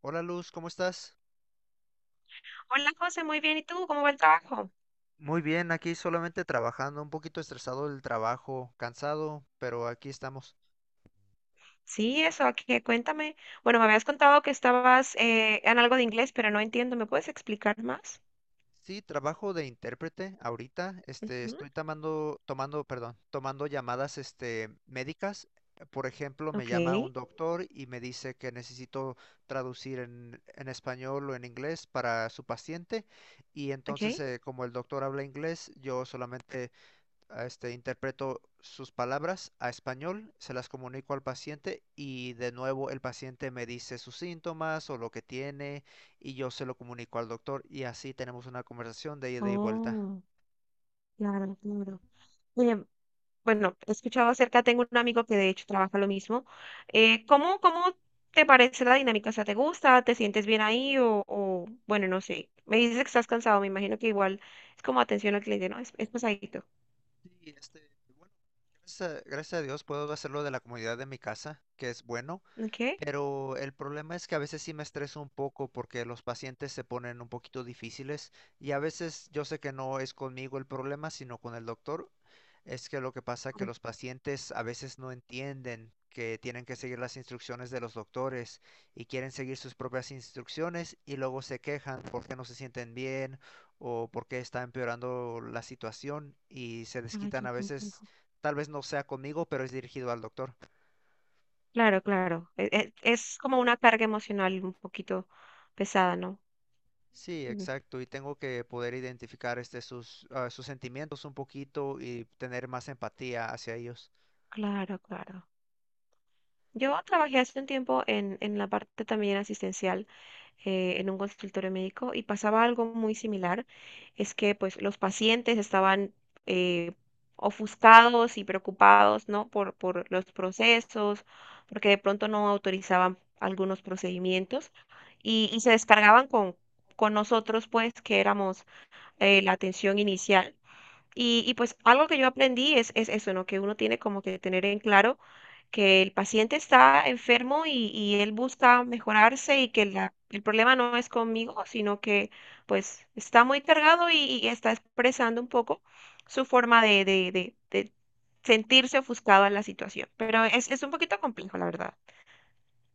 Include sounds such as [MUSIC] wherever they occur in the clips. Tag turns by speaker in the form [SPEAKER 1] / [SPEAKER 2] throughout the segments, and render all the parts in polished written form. [SPEAKER 1] Hola Luz, ¿cómo estás?
[SPEAKER 2] Hola José, muy bien. ¿Y tú? ¿Cómo va el trabajo?
[SPEAKER 1] Muy bien, aquí solamente trabajando, un poquito estresado del trabajo, cansado, pero aquí estamos.
[SPEAKER 2] Sí, eso, aquí, cuéntame. Bueno, me habías contado que estabas en algo de inglés, pero no entiendo. ¿Me puedes explicar más?
[SPEAKER 1] Sí, trabajo de intérprete ahorita,
[SPEAKER 2] Ujú.
[SPEAKER 1] estoy tomando llamadas, médicas. Por ejemplo, me
[SPEAKER 2] Ok,
[SPEAKER 1] llama un doctor y me dice que necesito traducir en español o en inglés para su paciente. Y entonces,
[SPEAKER 2] ok.
[SPEAKER 1] como el doctor habla inglés, yo solamente interpreto sus palabras a español, se las comunico al paciente y de nuevo el paciente me dice sus síntomas o lo que tiene y yo se lo comunico al doctor y así tenemos una conversación de ida y vuelta.
[SPEAKER 2] Oh, claro, claro. Oye, bueno, he escuchado acerca, tengo un amigo que de hecho trabaja lo mismo. ¿Cómo te parece la dinámica? O sea, ¿te gusta? ¿Te sientes bien ahí? Bueno, no sé. Me dices que estás cansado, me imagino que igual es como atención al cliente, ¿no? Es pesadito.
[SPEAKER 1] Sí, bueno, gracias a Dios puedo hacerlo de la comunidad de mi casa, que es bueno.
[SPEAKER 2] Ok.
[SPEAKER 1] Pero el problema es que a veces sí me estreso un poco porque los pacientes se ponen un poquito difíciles, y a veces yo sé que no es conmigo el problema, sino con el doctor. Es que lo que pasa es que los pacientes a veces no entienden que tienen que seguir las instrucciones de los doctores y quieren seguir sus propias instrucciones y luego se quejan porque no se sienten bien o porque está empeorando la situación y se
[SPEAKER 2] Ay,
[SPEAKER 1] desquitan
[SPEAKER 2] qué
[SPEAKER 1] a veces,
[SPEAKER 2] complejo.
[SPEAKER 1] tal vez no sea conmigo, pero es dirigido al doctor.
[SPEAKER 2] Claro, claro. Es como una carga emocional un poquito pesada, ¿no?
[SPEAKER 1] Sí,
[SPEAKER 2] Mm.
[SPEAKER 1] exacto. Y tengo que poder identificar sus sentimientos un poquito y tener más empatía hacia ellos.
[SPEAKER 2] Claro, claro. Yo trabajé hace un tiempo en la parte también asistencial, en un consultorio médico, y pasaba algo muy similar. Es que pues los pacientes estaban, eh, ofuscados y preocupados, ¿no? Por los procesos, porque de pronto no autorizaban algunos procedimientos y se descargaban con nosotros, pues, que éramos, la atención inicial. Y pues algo que yo aprendí es eso, ¿no? Que uno tiene como que tener en claro que el paciente está enfermo y él busca mejorarse, y que el problema no es conmigo, sino que pues está muy cargado y está expresando un poco su forma de sentirse ofuscado en la situación. Pero es un poquito complejo, la verdad.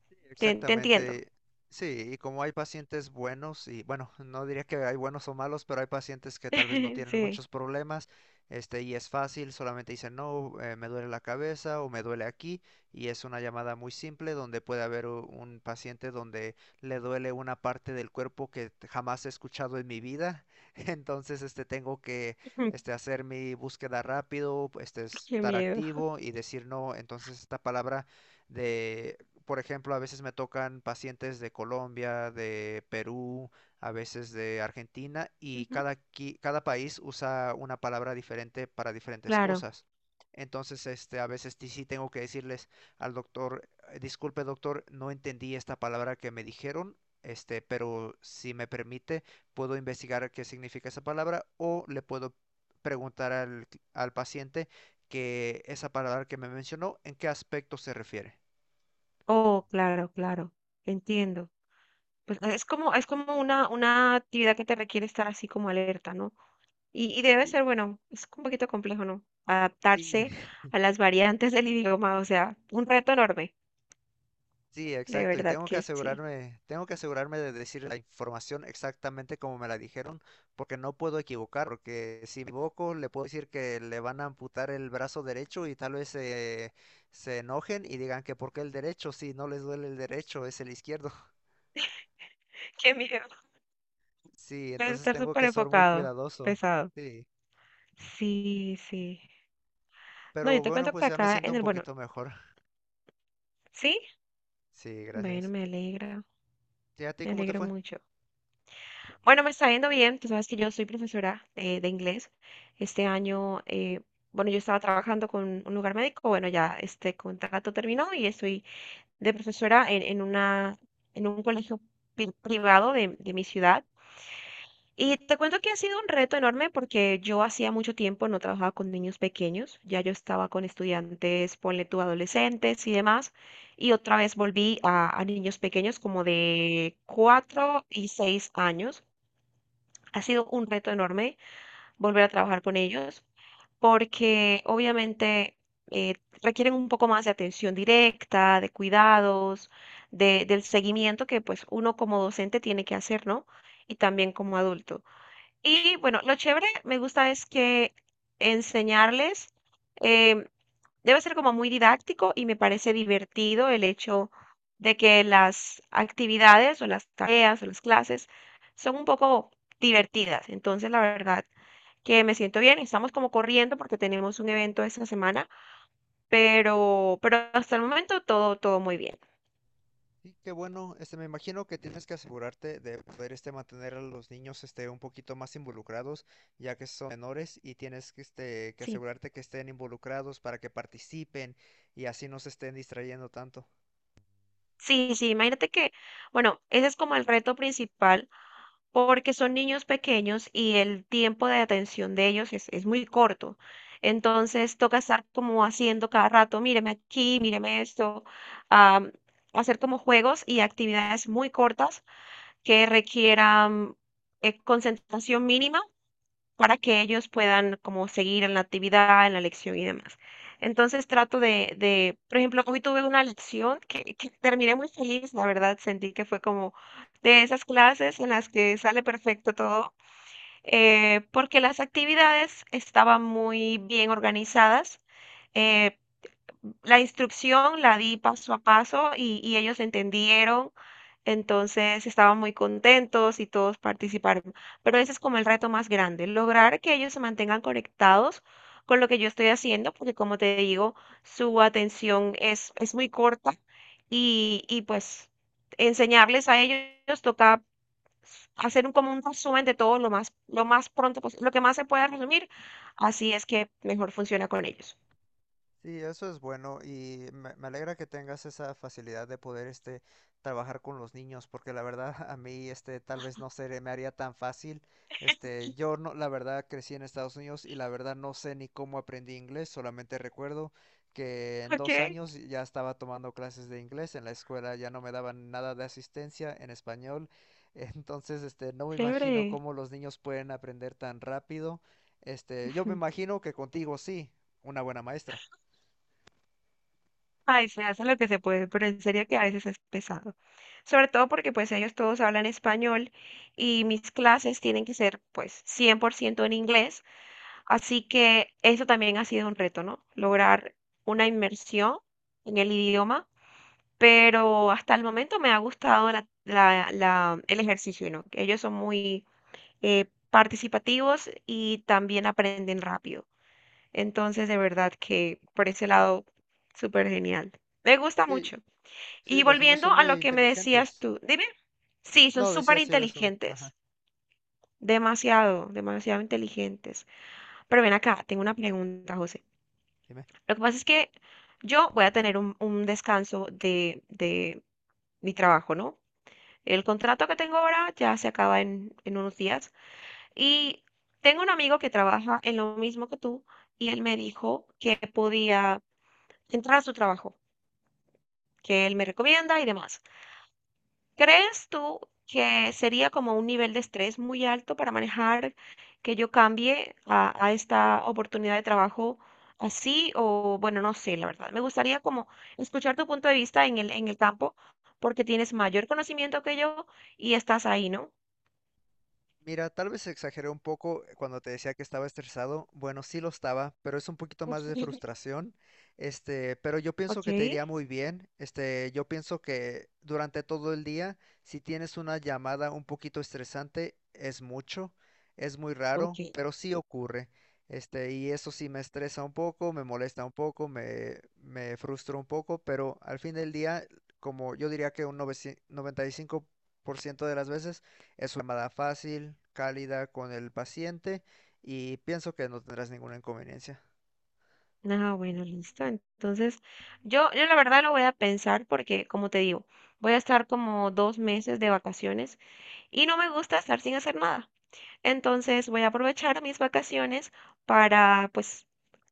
[SPEAKER 1] Sí,
[SPEAKER 2] Te entiendo.
[SPEAKER 1] exactamente. Sí, y como hay pacientes buenos, y bueno, no diría que hay buenos o malos, pero hay pacientes que tal vez no
[SPEAKER 2] [LAUGHS]
[SPEAKER 1] tienen
[SPEAKER 2] Sí.
[SPEAKER 1] muchos problemas, y es fácil, solamente dicen, no, me duele la cabeza o me duele aquí, y es una llamada muy simple donde puede haber un paciente donde le duele una parte del cuerpo que jamás he escuchado en mi vida. [LAUGHS] entonces, este, tengo que,
[SPEAKER 2] [LAUGHS]
[SPEAKER 1] este, hacer mi búsqueda rápido,
[SPEAKER 2] Qué
[SPEAKER 1] estar
[SPEAKER 2] miedo.
[SPEAKER 1] activo y decir no, entonces esta palabra de por ejemplo, a veces me tocan pacientes de Colombia, de Perú, a veces de Argentina, y
[SPEAKER 2] Ujú.
[SPEAKER 1] cada país usa una palabra diferente para diferentes
[SPEAKER 2] Claro.
[SPEAKER 1] cosas. Entonces, a veces sí tengo que decirles al doctor: disculpe doctor, no entendí esta palabra que me dijeron, pero si me permite, puedo investigar qué significa esa palabra o le puedo preguntar al paciente que esa palabra que me mencionó, ¿en qué aspecto se refiere?"
[SPEAKER 2] Oh, claro, claro. Entiendo. Pues, ah, es como una actividad que te requiere estar así como alerta, ¿no? Y debe
[SPEAKER 1] Y
[SPEAKER 2] ser, bueno, es un poquito complejo, ¿no?
[SPEAKER 1] Sí,
[SPEAKER 2] Adaptarse
[SPEAKER 1] [LAUGHS]
[SPEAKER 2] a las variantes del idioma, o sea, un reto enorme,
[SPEAKER 1] sí,
[SPEAKER 2] de
[SPEAKER 1] exacto. Y
[SPEAKER 2] verdad que sí.
[SPEAKER 1] tengo que asegurarme de decir la información exactamente como me la dijeron, porque no puedo equivocar, porque si me equivoco le puedo decir que le van a amputar el brazo derecho y tal vez se enojen y digan que por qué el derecho, si no les duele el derecho, es el izquierdo. [LAUGHS]
[SPEAKER 2] [LAUGHS] Qué miedo,
[SPEAKER 1] Sí,
[SPEAKER 2] debe
[SPEAKER 1] entonces
[SPEAKER 2] estar
[SPEAKER 1] tengo
[SPEAKER 2] súper
[SPEAKER 1] que ser muy
[SPEAKER 2] enfocado,
[SPEAKER 1] cuidadoso.
[SPEAKER 2] pesado.
[SPEAKER 1] Sí,
[SPEAKER 2] Sí, sí. No, yo
[SPEAKER 1] pero
[SPEAKER 2] te
[SPEAKER 1] bueno,
[SPEAKER 2] cuento
[SPEAKER 1] pues
[SPEAKER 2] que
[SPEAKER 1] ya me
[SPEAKER 2] acá
[SPEAKER 1] siento
[SPEAKER 2] en
[SPEAKER 1] un
[SPEAKER 2] el, bueno,
[SPEAKER 1] poquito mejor.
[SPEAKER 2] ¿sí?
[SPEAKER 1] Sí,
[SPEAKER 2] Bueno,
[SPEAKER 1] gracias.
[SPEAKER 2] me alegra,
[SPEAKER 1] ¿Y a ti
[SPEAKER 2] me
[SPEAKER 1] cómo te
[SPEAKER 2] alegra
[SPEAKER 1] fue?
[SPEAKER 2] mucho. Bueno, me está yendo bien. Tú sabes que yo soy profesora de inglés. Este año, bueno, yo estaba trabajando con un lugar médico. Bueno, ya este contrato terminó y estoy de profesora en un colegio privado de mi ciudad. Y te cuento que ha sido un reto enorme porque yo hacía mucho tiempo no trabajaba con niños pequeños. Ya yo estaba con estudiantes, ponle tú, adolescentes y demás. Y otra vez volví a niños pequeños como de 4 y 6 años. Ha sido un reto enorme volver a trabajar con ellos porque obviamente, eh, requieren un poco más de atención directa, de cuidados, del seguimiento que pues uno como docente tiene que hacer, ¿no? Y también como adulto. Y bueno, lo chévere me gusta es que enseñarles, em, debe ser como muy didáctico, y me parece divertido el hecho de que las actividades o las tareas o las clases son un poco divertidas. Entonces, la verdad que me siento bien. Estamos como corriendo porque tenemos un evento esta semana, pero hasta el momento todo, todo muy bien.
[SPEAKER 1] Y qué bueno, me imagino que tienes que asegurarte de poder mantener a los niños un poquito más involucrados, ya que son menores y tienes que
[SPEAKER 2] Sí,
[SPEAKER 1] asegurarte que estén involucrados para que participen y así no se estén distrayendo tanto.
[SPEAKER 2] sí, sí. Imagínate que, bueno, ese es como el reto principal porque son niños pequeños y el tiempo de atención de ellos es muy corto. Entonces toca estar como haciendo cada rato, míreme aquí, míreme esto, am, hacer como juegos y actividades muy cortas que requieran, concentración mínima para que ellos puedan como seguir en la actividad, en la lección y demás. Entonces trato por ejemplo, hoy tuve una lección que terminé muy feliz, la verdad. Sentí que fue como de esas clases en las que sale perfecto todo, porque las actividades estaban muy bien organizadas. eh, la instrucción la di paso a paso y ellos entendieron, entonces estaban muy contentos y todos participaron. Pero ese es como el reto más grande: lograr que ellos se mantengan conectados con lo que yo estoy haciendo, porque como te digo, su atención es muy corta, y pues enseñarles a ellos toca hacer como un resumen de todo lo más pronto posible, lo que más se pueda resumir. Así es que mejor funciona con ellos.
[SPEAKER 1] Sí, eso es bueno y me alegra que tengas esa facilidad de poder trabajar con los niños, porque la verdad [LAUGHS] a mí tal vez no se me haría tan fácil. Yo no, la verdad crecí en Estados Unidos y la verdad no sé ni cómo aprendí inglés, solamente recuerdo que en
[SPEAKER 2] Ok,
[SPEAKER 1] dos años ya estaba tomando clases de inglés en la escuela, ya no me daban nada de asistencia en español. [LAUGHS] Entonces no me imagino
[SPEAKER 2] chévere.
[SPEAKER 1] cómo los niños pueden aprender tan rápido. Yo me
[SPEAKER 2] Ujú.
[SPEAKER 1] imagino que contigo sí, una buena maestra.
[SPEAKER 2] Ay, se hace lo que se puede, pero en serio que a veces es pesado. Sobre todo porque pues ellos todos hablan español y mis clases tienen que ser pues 100% en inglés, así que eso también ha sido un reto, ¿no? Lograr una inmersión en el idioma, pero hasta el momento me ha gustado el ejercicio, ¿no? Que ellos son muy, participativos, y también aprenden rápido. Entonces, de verdad que por ese lado, súper genial. Me gusta
[SPEAKER 1] Sí,
[SPEAKER 2] mucho. Y
[SPEAKER 1] sí, los niños
[SPEAKER 2] volviendo
[SPEAKER 1] son
[SPEAKER 2] a
[SPEAKER 1] muy
[SPEAKER 2] lo que me decías
[SPEAKER 1] inteligentes.
[SPEAKER 2] tú, dime, sí, son
[SPEAKER 1] No,
[SPEAKER 2] súper
[SPEAKER 1] decía sí, los son. Ajá,
[SPEAKER 2] inteligentes, demasiado, demasiado inteligentes. Pero ven acá, tengo una pregunta, José.
[SPEAKER 1] dime.
[SPEAKER 2] Lo que pasa es que yo voy a tener un descanso de mi trabajo, ¿no? El contrato que tengo ahora ya se acaba en unos días, y tengo un amigo que trabaja en lo mismo que tú, y él me dijo que podía entrar a su trabajo. Que él me recomienda y demás. ¿Crees tú que sería como un nivel de estrés muy alto para manejar, que yo cambie a esta oportunidad de trabajo así? O bueno, no sé, la verdad. Me gustaría como escuchar tu punto de vista en el campo, porque tienes mayor conocimiento que yo y estás ahí, ¿no?
[SPEAKER 1] Mira, tal vez exageré un poco cuando te decía que estaba estresado. Bueno, sí lo estaba, pero es un poquito más de
[SPEAKER 2] [LAUGHS]
[SPEAKER 1] frustración. Pero yo pienso
[SPEAKER 2] Ok,
[SPEAKER 1] que te iría muy bien. Yo pienso que durante todo el día, si tienes una llamada un poquito estresante, es mucho, es muy raro,
[SPEAKER 2] ok.
[SPEAKER 1] pero sí ocurre. Y eso sí me estresa un poco, me molesta un poco, me frustra un poco, pero al fin del día, como yo diría que un 95% de las veces, es una llamada fácil, cálida con el paciente y pienso que no tendrás ninguna inconveniencia.
[SPEAKER 2] Ah, bueno, listo. Entonces, yo la verdad lo voy a pensar porque, como te digo, voy a estar como 2 meses de vacaciones. Y no me gusta estar sin hacer nada. Entonces voy a aprovechar mis vacaciones para pues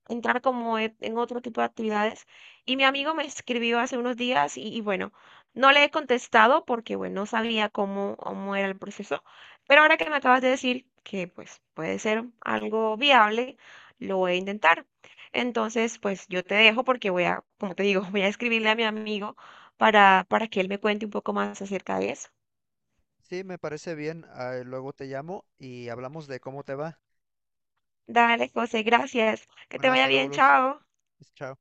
[SPEAKER 2] entrar como en otro tipo de actividades. Y mi amigo me escribió hace unos días y bueno, no le he contestado porque bueno, no sabía cómo era el proceso, pero ahora que me acabas de decir que pues puede ser algo viable, lo voy a intentar. Entonces, pues yo te dejo porque voy a, como te digo, [LAUGHS] voy a escribirle a mi amigo para que él me cuente un poco más acerca de eso.
[SPEAKER 1] Sí, me parece bien. Ah, luego te llamo y hablamos de cómo te va.
[SPEAKER 2] Dale, José, gracias. Que te
[SPEAKER 1] Bueno,
[SPEAKER 2] vaya
[SPEAKER 1] hasta luego,
[SPEAKER 2] bien,
[SPEAKER 1] Luz.
[SPEAKER 2] chao.
[SPEAKER 1] Chao.